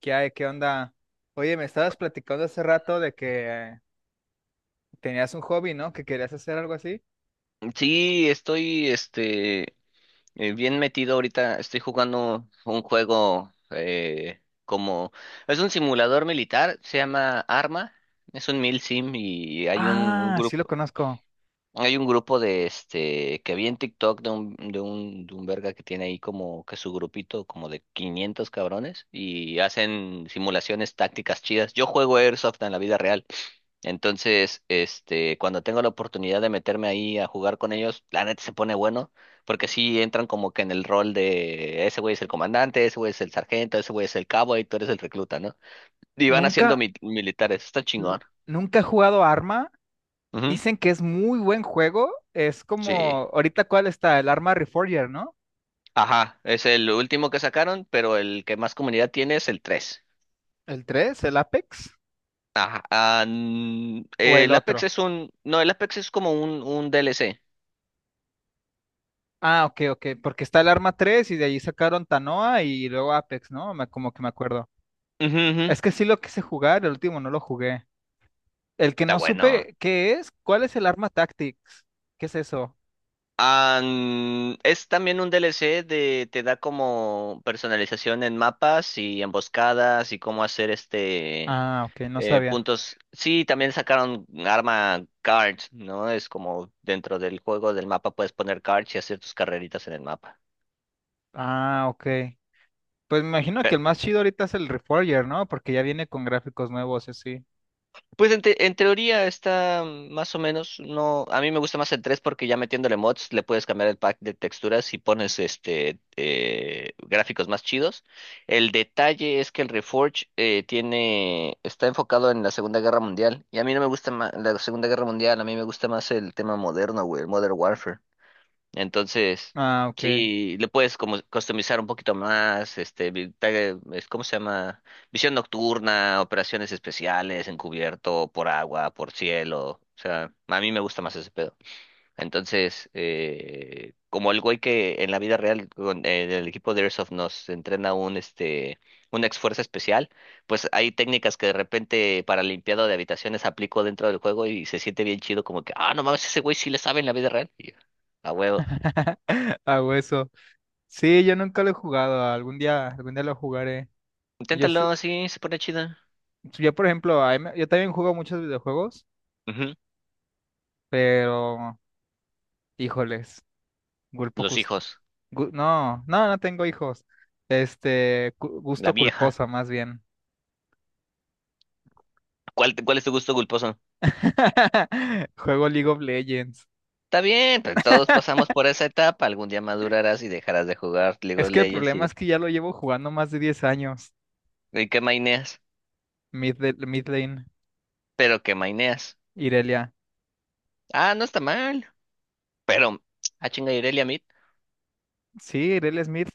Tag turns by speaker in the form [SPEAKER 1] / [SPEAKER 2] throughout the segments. [SPEAKER 1] ¿Qué hay? ¿Qué onda? Oye, me estabas platicando hace rato de que tenías un hobby, ¿no? Que querías hacer algo así.
[SPEAKER 2] Sí, estoy bien metido ahorita. Estoy jugando un juego como es un simulador militar, se llama Arma, es un mil sim y
[SPEAKER 1] Ah, sí lo conozco.
[SPEAKER 2] hay un grupo de este que vi en TikTok de un verga que tiene ahí como que su grupito como de 500 cabrones y hacen simulaciones tácticas chidas. Yo juego Airsoft en la vida real. Entonces, cuando tengo la oportunidad de meterme ahí a jugar con ellos, la neta se pone bueno, porque sí entran como que en el rol de ese güey es el comandante, ese güey es el sargento, ese güey es el cabo y tú eres el recluta, ¿no? Y van haciendo
[SPEAKER 1] Nunca,
[SPEAKER 2] militares, está
[SPEAKER 1] n-
[SPEAKER 2] chingón.
[SPEAKER 1] nunca he jugado Arma.
[SPEAKER 2] Ujú.
[SPEAKER 1] Dicen que es muy buen juego. Es
[SPEAKER 2] Sí.
[SPEAKER 1] como, ahorita cuál está, el Arma Reforger, ¿no?
[SPEAKER 2] Ajá, es el último que sacaron, pero el que más comunidad tiene es el tres.
[SPEAKER 1] ¿El 3, el Apex
[SPEAKER 2] Ajá.
[SPEAKER 1] o el
[SPEAKER 2] El Apex
[SPEAKER 1] otro?
[SPEAKER 2] es un, no, el Apex es como un DLC.
[SPEAKER 1] Ah, ok, ok, porque está el Arma tres y de allí sacaron Tanoa y luego Apex, ¿no? Como que me acuerdo.
[SPEAKER 2] Ujú, ujú.
[SPEAKER 1] Es que sí lo quise jugar, el último no lo jugué. El que
[SPEAKER 2] Está
[SPEAKER 1] no
[SPEAKER 2] bueno.
[SPEAKER 1] supe qué es, ¿cuál es el arma Tactics? ¿Qué es eso?
[SPEAKER 2] Es también un DLC de te da como personalización en mapas y emboscadas y cómo hacer
[SPEAKER 1] Ah, ok, no sabía.
[SPEAKER 2] puntos. Sí, también sacaron arma cards, ¿no? Es como dentro del juego del mapa puedes poner cards y hacer tus carreritas en el mapa.
[SPEAKER 1] Ah, ok. Pues me imagino que el más chido ahorita es el Reforger, ¿no? Porque ya viene con gráficos nuevos, y así.
[SPEAKER 2] En teoría está más o menos, no, a mí me gusta más el 3 porque ya metiéndole mods le puedes cambiar el pack de texturas y pones gráficos más chidos. El detalle es que el Reforge está enfocado en la Segunda Guerra Mundial y a mí no me gusta la Segunda Guerra Mundial, a mí me gusta más el tema moderno, güey, el Modern Warfare. Entonces,
[SPEAKER 1] Ah, ok.
[SPEAKER 2] sí, le puedes como customizar un poquito más, ¿cómo se llama? Visión nocturna, operaciones especiales, encubierto, por agua, por cielo. O sea, a mí me gusta más ese pedo. Entonces, como el güey que en la vida real con el equipo de Airsoft nos entrena un este una ex fuerza especial, pues hay técnicas que de repente para limpiado de habitaciones aplico dentro del juego y se siente bien chido como que, ah, no mames, ese güey sí le sabe en la vida real. Y yo, a huevo.
[SPEAKER 1] Hago eso. Sí, yo nunca lo he jugado. Algún día lo jugaré. Yo, sé-
[SPEAKER 2] Inténtalo, sí, se pone chida.
[SPEAKER 1] yo por ejemplo, yo también juego muchos videojuegos,
[SPEAKER 2] Ujú.
[SPEAKER 1] pero, híjoles, culpo,
[SPEAKER 2] Los
[SPEAKER 1] cus-
[SPEAKER 2] hijos,
[SPEAKER 1] no, no, no tengo hijos. Este, cu-
[SPEAKER 2] la
[SPEAKER 1] gusto
[SPEAKER 2] vieja.
[SPEAKER 1] culposo, más bien.
[SPEAKER 2] ¿Cuál es tu gusto culposo?
[SPEAKER 1] Juego League of Legends.
[SPEAKER 2] Está bien, pero todos pasamos por esa etapa. Algún día madurarás y dejarás de jugar League
[SPEAKER 1] Es
[SPEAKER 2] of
[SPEAKER 1] que el
[SPEAKER 2] Legends
[SPEAKER 1] problema
[SPEAKER 2] y,
[SPEAKER 1] es que ya lo llevo jugando más de 10 años.
[SPEAKER 2] y que maineas.
[SPEAKER 1] Mid lane,
[SPEAKER 2] Pero que maineas.
[SPEAKER 1] Irelia.
[SPEAKER 2] Ah, no está mal. Pero, ah, chinga, Irelia Mid.
[SPEAKER 1] Sí, Irelia Smith.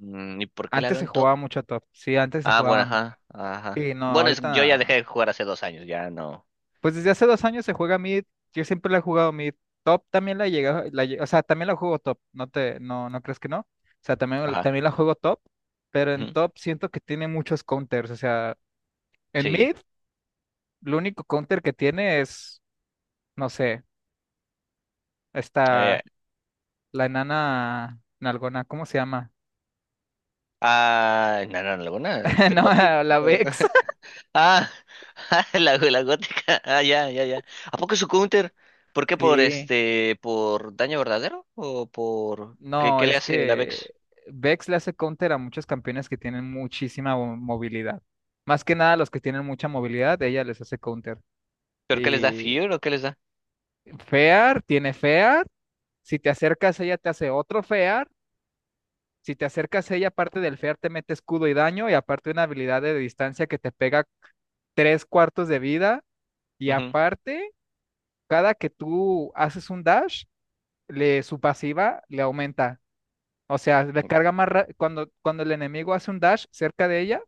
[SPEAKER 2] ¿Y por qué la
[SPEAKER 1] Antes
[SPEAKER 2] veo
[SPEAKER 1] se
[SPEAKER 2] en top?
[SPEAKER 1] jugaba mucho a top. Sí, antes se
[SPEAKER 2] Ah, bueno,
[SPEAKER 1] jugaba.
[SPEAKER 2] ajá, ajá.
[SPEAKER 1] Y no,
[SPEAKER 2] Bueno, yo ya dejé
[SPEAKER 1] ahorita.
[SPEAKER 2] de jugar hace 2 años, ya no.
[SPEAKER 1] Pues desde hace 2 años se juega mid. Yo siempre la he jugado mid. Top también la llega. O sea, también la juego top. No, no crees que no. O sea, también,
[SPEAKER 2] Ajá.
[SPEAKER 1] también la juego top. Pero en
[SPEAKER 2] Ujú.
[SPEAKER 1] top siento que tiene muchos counters. O sea, en
[SPEAKER 2] Sí.
[SPEAKER 1] mid, lo único counter que tiene es, no sé,
[SPEAKER 2] Eh,
[SPEAKER 1] esta. La enana nalgona, ¿cómo se llama?
[SPEAKER 2] ah, no, no, no, alguna, este
[SPEAKER 1] No,
[SPEAKER 2] Poppy.
[SPEAKER 1] la Vex.
[SPEAKER 2] Ah, Ah, la gótica. Ah, ya, ya, ya. ¿A poco su counter? ¿Por qué? ¿Por
[SPEAKER 1] Sí.
[SPEAKER 2] por daño verdadero? ¿O por qué,
[SPEAKER 1] No,
[SPEAKER 2] qué le
[SPEAKER 1] es
[SPEAKER 2] hace la Vex?
[SPEAKER 1] que Vex le hace counter a muchos campeones que tienen muchísima movilidad. Más que nada los que tienen mucha movilidad, ella les hace counter.
[SPEAKER 2] ¿Pero qué les da
[SPEAKER 1] Y
[SPEAKER 2] Fear o qué les da?
[SPEAKER 1] Fear tiene Fear. Si te acercas, ella te hace otro Fear. Si te acercas, ella aparte del Fear te mete escudo y daño y aparte una habilidad de distancia que te pega tres cuartos de vida. Y
[SPEAKER 2] Ujú.
[SPEAKER 1] aparte, cada que tú haces un dash, su pasiva le aumenta. O sea, le carga más ra- cuando, cuando el enemigo hace un dash cerca de ella,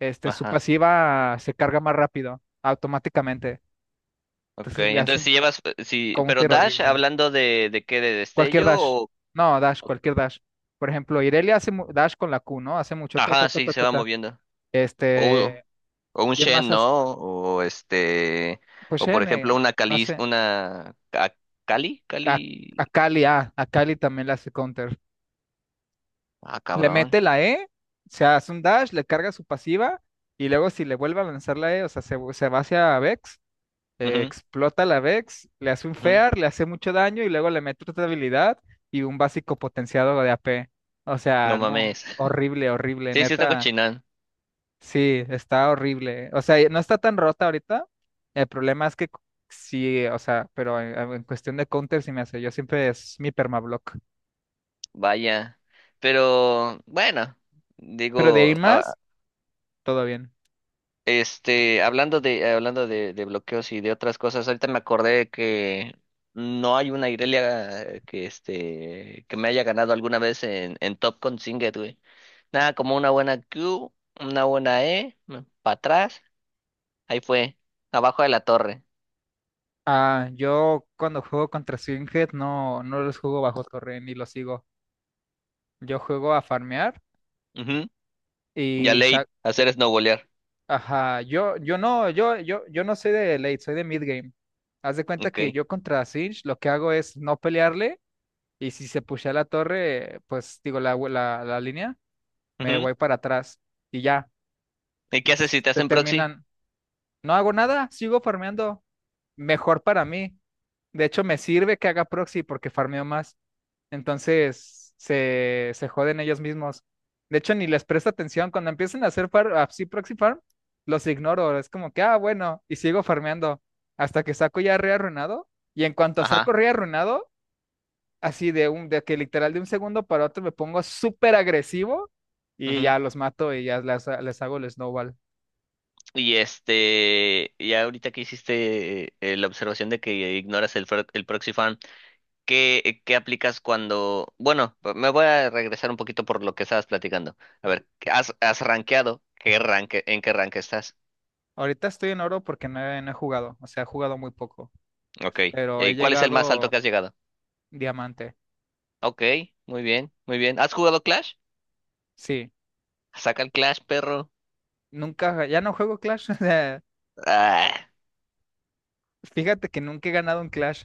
[SPEAKER 1] su
[SPEAKER 2] Ajá.
[SPEAKER 1] pasiva se carga más rápido, automáticamente.
[SPEAKER 2] Ok,
[SPEAKER 1] Entonces le hace
[SPEAKER 2] entonces
[SPEAKER 1] un
[SPEAKER 2] si llevas, si, pero
[SPEAKER 1] counter
[SPEAKER 2] Dash,
[SPEAKER 1] horrible.
[SPEAKER 2] hablando de qué, de
[SPEAKER 1] Cualquier
[SPEAKER 2] destello
[SPEAKER 1] dash.
[SPEAKER 2] o.
[SPEAKER 1] No, dash, cualquier dash. Por ejemplo, Irelia hace dash con la Q, ¿no? Hace mucho ta ta
[SPEAKER 2] Ajá,
[SPEAKER 1] ta
[SPEAKER 2] sí,
[SPEAKER 1] ta
[SPEAKER 2] se
[SPEAKER 1] ta
[SPEAKER 2] va
[SPEAKER 1] ta.
[SPEAKER 2] moviendo. O,
[SPEAKER 1] Este,
[SPEAKER 2] o un
[SPEAKER 1] ¿quién más
[SPEAKER 2] Shen,
[SPEAKER 1] hace?
[SPEAKER 2] ¿no? O este,
[SPEAKER 1] Pues
[SPEAKER 2] o por
[SPEAKER 1] Shen,
[SPEAKER 2] ejemplo una
[SPEAKER 1] no
[SPEAKER 2] Cali,
[SPEAKER 1] sé.
[SPEAKER 2] una Ca- Cali,
[SPEAKER 1] A, a
[SPEAKER 2] Cali.
[SPEAKER 1] Kali, ah, a Kali también le hace counter.
[SPEAKER 2] Ah,
[SPEAKER 1] Le
[SPEAKER 2] cabrón.
[SPEAKER 1] mete la E, se hace un dash, le carga su pasiva y luego si le vuelve a lanzar la E, o sea, se va hacia Vex,
[SPEAKER 2] Ujú,
[SPEAKER 1] explota la Vex, le hace un
[SPEAKER 2] ujú.
[SPEAKER 1] Fear, le hace mucho daño y luego le mete otra habilidad y un básico potenciado de AP. O sea,
[SPEAKER 2] No
[SPEAKER 1] no,
[SPEAKER 2] mames.
[SPEAKER 1] horrible, horrible,
[SPEAKER 2] Sí, sí está
[SPEAKER 1] neta.
[SPEAKER 2] cochinón,
[SPEAKER 1] Sí, está horrible. O sea, no está tan rota ahorita. El problema es que sí, o sea, pero en cuestión de counter sí me hace. Yo siempre es mi permablock.
[SPEAKER 2] vaya. Pero bueno,
[SPEAKER 1] Pero de ahí en
[SPEAKER 2] digo, ah,
[SPEAKER 1] más, todo bien.
[SPEAKER 2] hablando de bloqueos y de otras cosas, ahorita me acordé que no hay una Irelia que que me haya ganado alguna vez en Top con Singed, güey. Nada, como una buena Q, una buena E, para atrás, ahí fue, abajo de la torre.
[SPEAKER 1] Ah, yo cuando juego contra Swinghead no los juego bajo torre ni los sigo. Yo juego a farmear
[SPEAKER 2] Ujú. Y a
[SPEAKER 1] y sa-
[SPEAKER 2] late, hacer snowbolear.
[SPEAKER 1] ajá, yo no soy de late, soy de mid game. Haz de cuenta
[SPEAKER 2] Ok.
[SPEAKER 1] que yo contra Singed lo que hago es no pelearle y si se pushea la torre, pues digo la línea, me
[SPEAKER 2] Ujú.
[SPEAKER 1] voy para atrás y ya.
[SPEAKER 2] ¿Y qué
[SPEAKER 1] Y
[SPEAKER 2] haces si te
[SPEAKER 1] se
[SPEAKER 2] hacen proxy?
[SPEAKER 1] terminan. No hago nada, sigo farmeando. Mejor para mí. De hecho, me sirve que haga proxy porque farmeo más. Entonces se joden ellos mismos. De hecho, ni les presto atención. Cuando empiezan a hacer así proxy farm, los ignoro. Es como que, ah, bueno, y sigo farmeando hasta que saco ya re arruinado. Y en cuanto saco
[SPEAKER 2] Ajá.
[SPEAKER 1] re arruinado, así de que literal de un segundo para otro me pongo súper agresivo y ya los mato y ya les hago el snowball.
[SPEAKER 2] Y ya ahorita que hiciste la observación de que ignoras el proxy farm, ¿qué aplicas cuando. Bueno, me voy a regresar un poquito por lo que estabas platicando. A ver, ¿qué ¿has rankeado? ¿Qué ranque, en qué rank estás?
[SPEAKER 1] Ahorita estoy en oro porque no he jugado, o sea, he jugado muy poco,
[SPEAKER 2] Ok.
[SPEAKER 1] pero he
[SPEAKER 2] ¿Y cuál es el más alto que
[SPEAKER 1] llegado
[SPEAKER 2] has llegado?
[SPEAKER 1] diamante.
[SPEAKER 2] Ok, muy bien, muy bien. ¿Has jugado Clash?
[SPEAKER 1] Sí,
[SPEAKER 2] Saca el Clash, perro.
[SPEAKER 1] nunca, ya no juego Clash.
[SPEAKER 2] Ah,
[SPEAKER 1] Fíjate que nunca he ganado un Clash.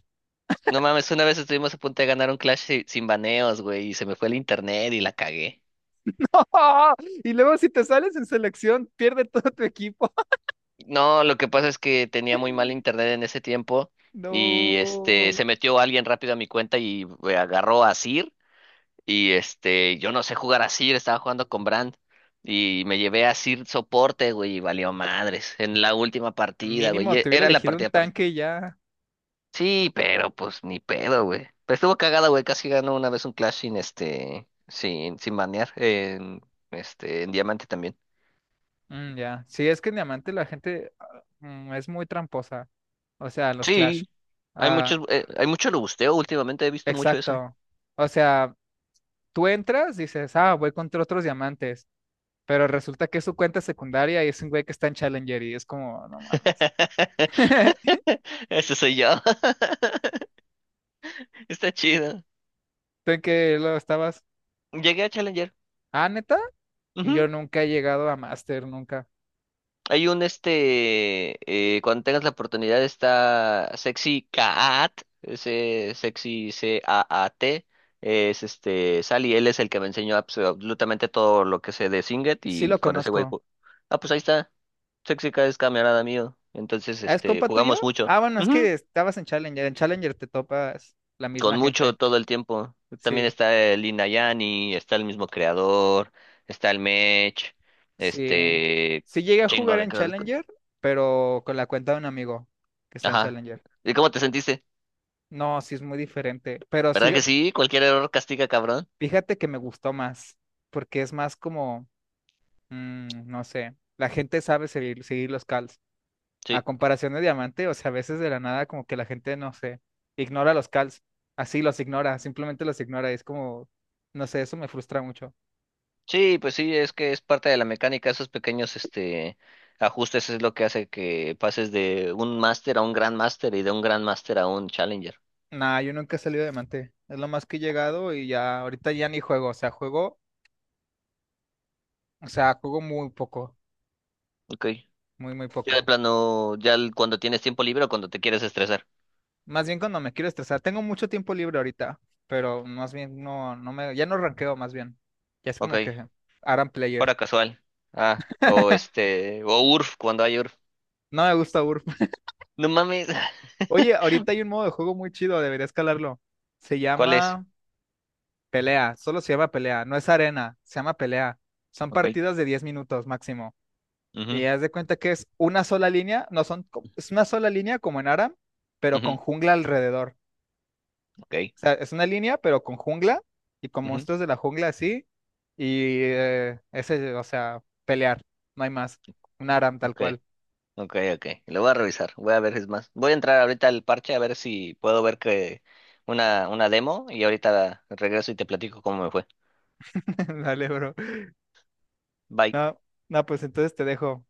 [SPEAKER 2] no mames, una vez estuvimos a punto de ganar un Clash sin baneos, güey, y se me fue el internet y la cagué.
[SPEAKER 1] Y luego si te sales en selección, pierde todo tu equipo.
[SPEAKER 2] No, lo que pasa es que tenía muy mal internet en ese tiempo y
[SPEAKER 1] No.
[SPEAKER 2] se metió alguien rápido a mi cuenta y agarró a Sir y yo no sé jugar a Sir, estaba jugando con Brand y me llevé a Sir soporte, güey, y valió madres en la última partida, güey.
[SPEAKER 1] Mínimo, te hubiera
[SPEAKER 2] Era la
[SPEAKER 1] elegido un
[SPEAKER 2] partida par-.
[SPEAKER 1] tanque y ya.
[SPEAKER 2] Sí, pero pues ni pedo, güey. Pero estuvo cagada, güey, casi ganó una vez un Clash sin banear en Diamante también.
[SPEAKER 1] Mm, ya. Sí, es que en Diamante la gente es muy tramposa. O sea, los Clash.
[SPEAKER 2] Sí.
[SPEAKER 1] Ah,
[SPEAKER 2] Hay mucho lo busteo últimamente, he visto mucho eso.
[SPEAKER 1] exacto. O sea, tú entras, dices, voy contra otros diamantes. Pero resulta que es su cuenta secundaria y es un güey que está en Challenger y es como, no mames.
[SPEAKER 2] Ese soy yo. Está chido.
[SPEAKER 1] ¿Tú en qué lo estabas?
[SPEAKER 2] Llegué a Challenger.
[SPEAKER 1] Ah, neta.
[SPEAKER 2] Ujú.
[SPEAKER 1] Yo nunca he llegado a Master, nunca.
[SPEAKER 2] Hay un este, Cuando tengas la oportunidad está Sexy Cat, ese Sexy CAAT, es Sally, él es el que me enseñó absolutamente todo lo que sé de Singet
[SPEAKER 1] Sí
[SPEAKER 2] y
[SPEAKER 1] lo
[SPEAKER 2] con ese güey,
[SPEAKER 1] conozco.
[SPEAKER 2] ah, pues ahí está, Sexy Cat es camarada mío, entonces
[SPEAKER 1] ¿Ah, es compa tuyo?
[SPEAKER 2] jugamos mucho.
[SPEAKER 1] Ah, bueno, es
[SPEAKER 2] Ujú.
[SPEAKER 1] que estabas en Challenger. En Challenger te topas la
[SPEAKER 2] Con
[SPEAKER 1] misma
[SPEAKER 2] mucho
[SPEAKER 1] gente.
[SPEAKER 2] todo el tiempo. También
[SPEAKER 1] Sí,
[SPEAKER 2] está el Inayani, está el mismo creador, está el Mech,
[SPEAKER 1] sí.
[SPEAKER 2] este
[SPEAKER 1] Sí llegué a
[SPEAKER 2] chingo
[SPEAKER 1] jugar
[SPEAKER 2] de
[SPEAKER 1] en
[SPEAKER 2] cosas.
[SPEAKER 1] Challenger, pero con la cuenta de un amigo que está en
[SPEAKER 2] Ajá.
[SPEAKER 1] Challenger.
[SPEAKER 2] ¿Y cómo te sentiste?
[SPEAKER 1] No, sí es muy diferente. Pero
[SPEAKER 2] ¿Verdad
[SPEAKER 1] sí,
[SPEAKER 2] que sí? Cualquier error castiga, cabrón.
[SPEAKER 1] fíjate que me gustó más, porque es más como, no sé, la gente sabe seguir los calls. A
[SPEAKER 2] Sí.
[SPEAKER 1] comparación de diamante, o sea, a veces de la nada como que la gente, no sé, ignora los calls. Así los ignora, simplemente los ignora. Y es como, no sé, eso me frustra mucho.
[SPEAKER 2] Sí, pues sí, es que es parte de la mecánica, esos pequeños ajustes es lo que hace que pases de un máster a un gran máster y de un gran máster a un challenger.
[SPEAKER 1] Nah, yo nunca he salido de diamante. Es lo más que he llegado y ya, ahorita ya ni juego. O sea, juego, o sea, juego muy poco,
[SPEAKER 2] Ok.
[SPEAKER 1] muy, muy
[SPEAKER 2] Ya de
[SPEAKER 1] poco.
[SPEAKER 2] plano, cuando tienes tiempo libre o cuando te quieres estresar.
[SPEAKER 1] Más bien cuando me quiero estresar. Tengo mucho tiempo libre ahorita, pero más bien no, no me, ya no ranqueo más bien. Ya es como
[SPEAKER 2] Ok.
[SPEAKER 1] que Aran Player.
[SPEAKER 2] Hora casual. Ah, o URF, cuando hay URF.
[SPEAKER 1] No me gusta URP.
[SPEAKER 2] No mames.
[SPEAKER 1] Oye, ahorita hay un modo de juego muy chido, debería escalarlo. Se
[SPEAKER 2] ¿Cuál es?
[SPEAKER 1] llama... Pelea, solo se llama pelea, no es arena, se llama pelea. Son
[SPEAKER 2] Ok.
[SPEAKER 1] partidas de 10 minutos máximo. Y
[SPEAKER 2] Ujú,
[SPEAKER 1] haz de cuenta que es una sola línea, no son, co- es una sola línea como en Aram, pero con
[SPEAKER 2] ujú,
[SPEAKER 1] jungla alrededor.
[SPEAKER 2] ok.
[SPEAKER 1] O sea, es una línea, pero con jungla y con
[SPEAKER 2] Ujú,
[SPEAKER 1] monstruos de la jungla así. Y ese, o sea, pelear, no hay más. Un Aram tal
[SPEAKER 2] ok.
[SPEAKER 1] cual.
[SPEAKER 2] Ok, ok. Lo voy a revisar. Voy a ver, es más. Voy a entrar ahorita al parche a ver si puedo ver que una demo y ahorita regreso y te platico cómo me fue.
[SPEAKER 1] Dale, bro.
[SPEAKER 2] Bye.
[SPEAKER 1] No, no, pues entonces te dejo.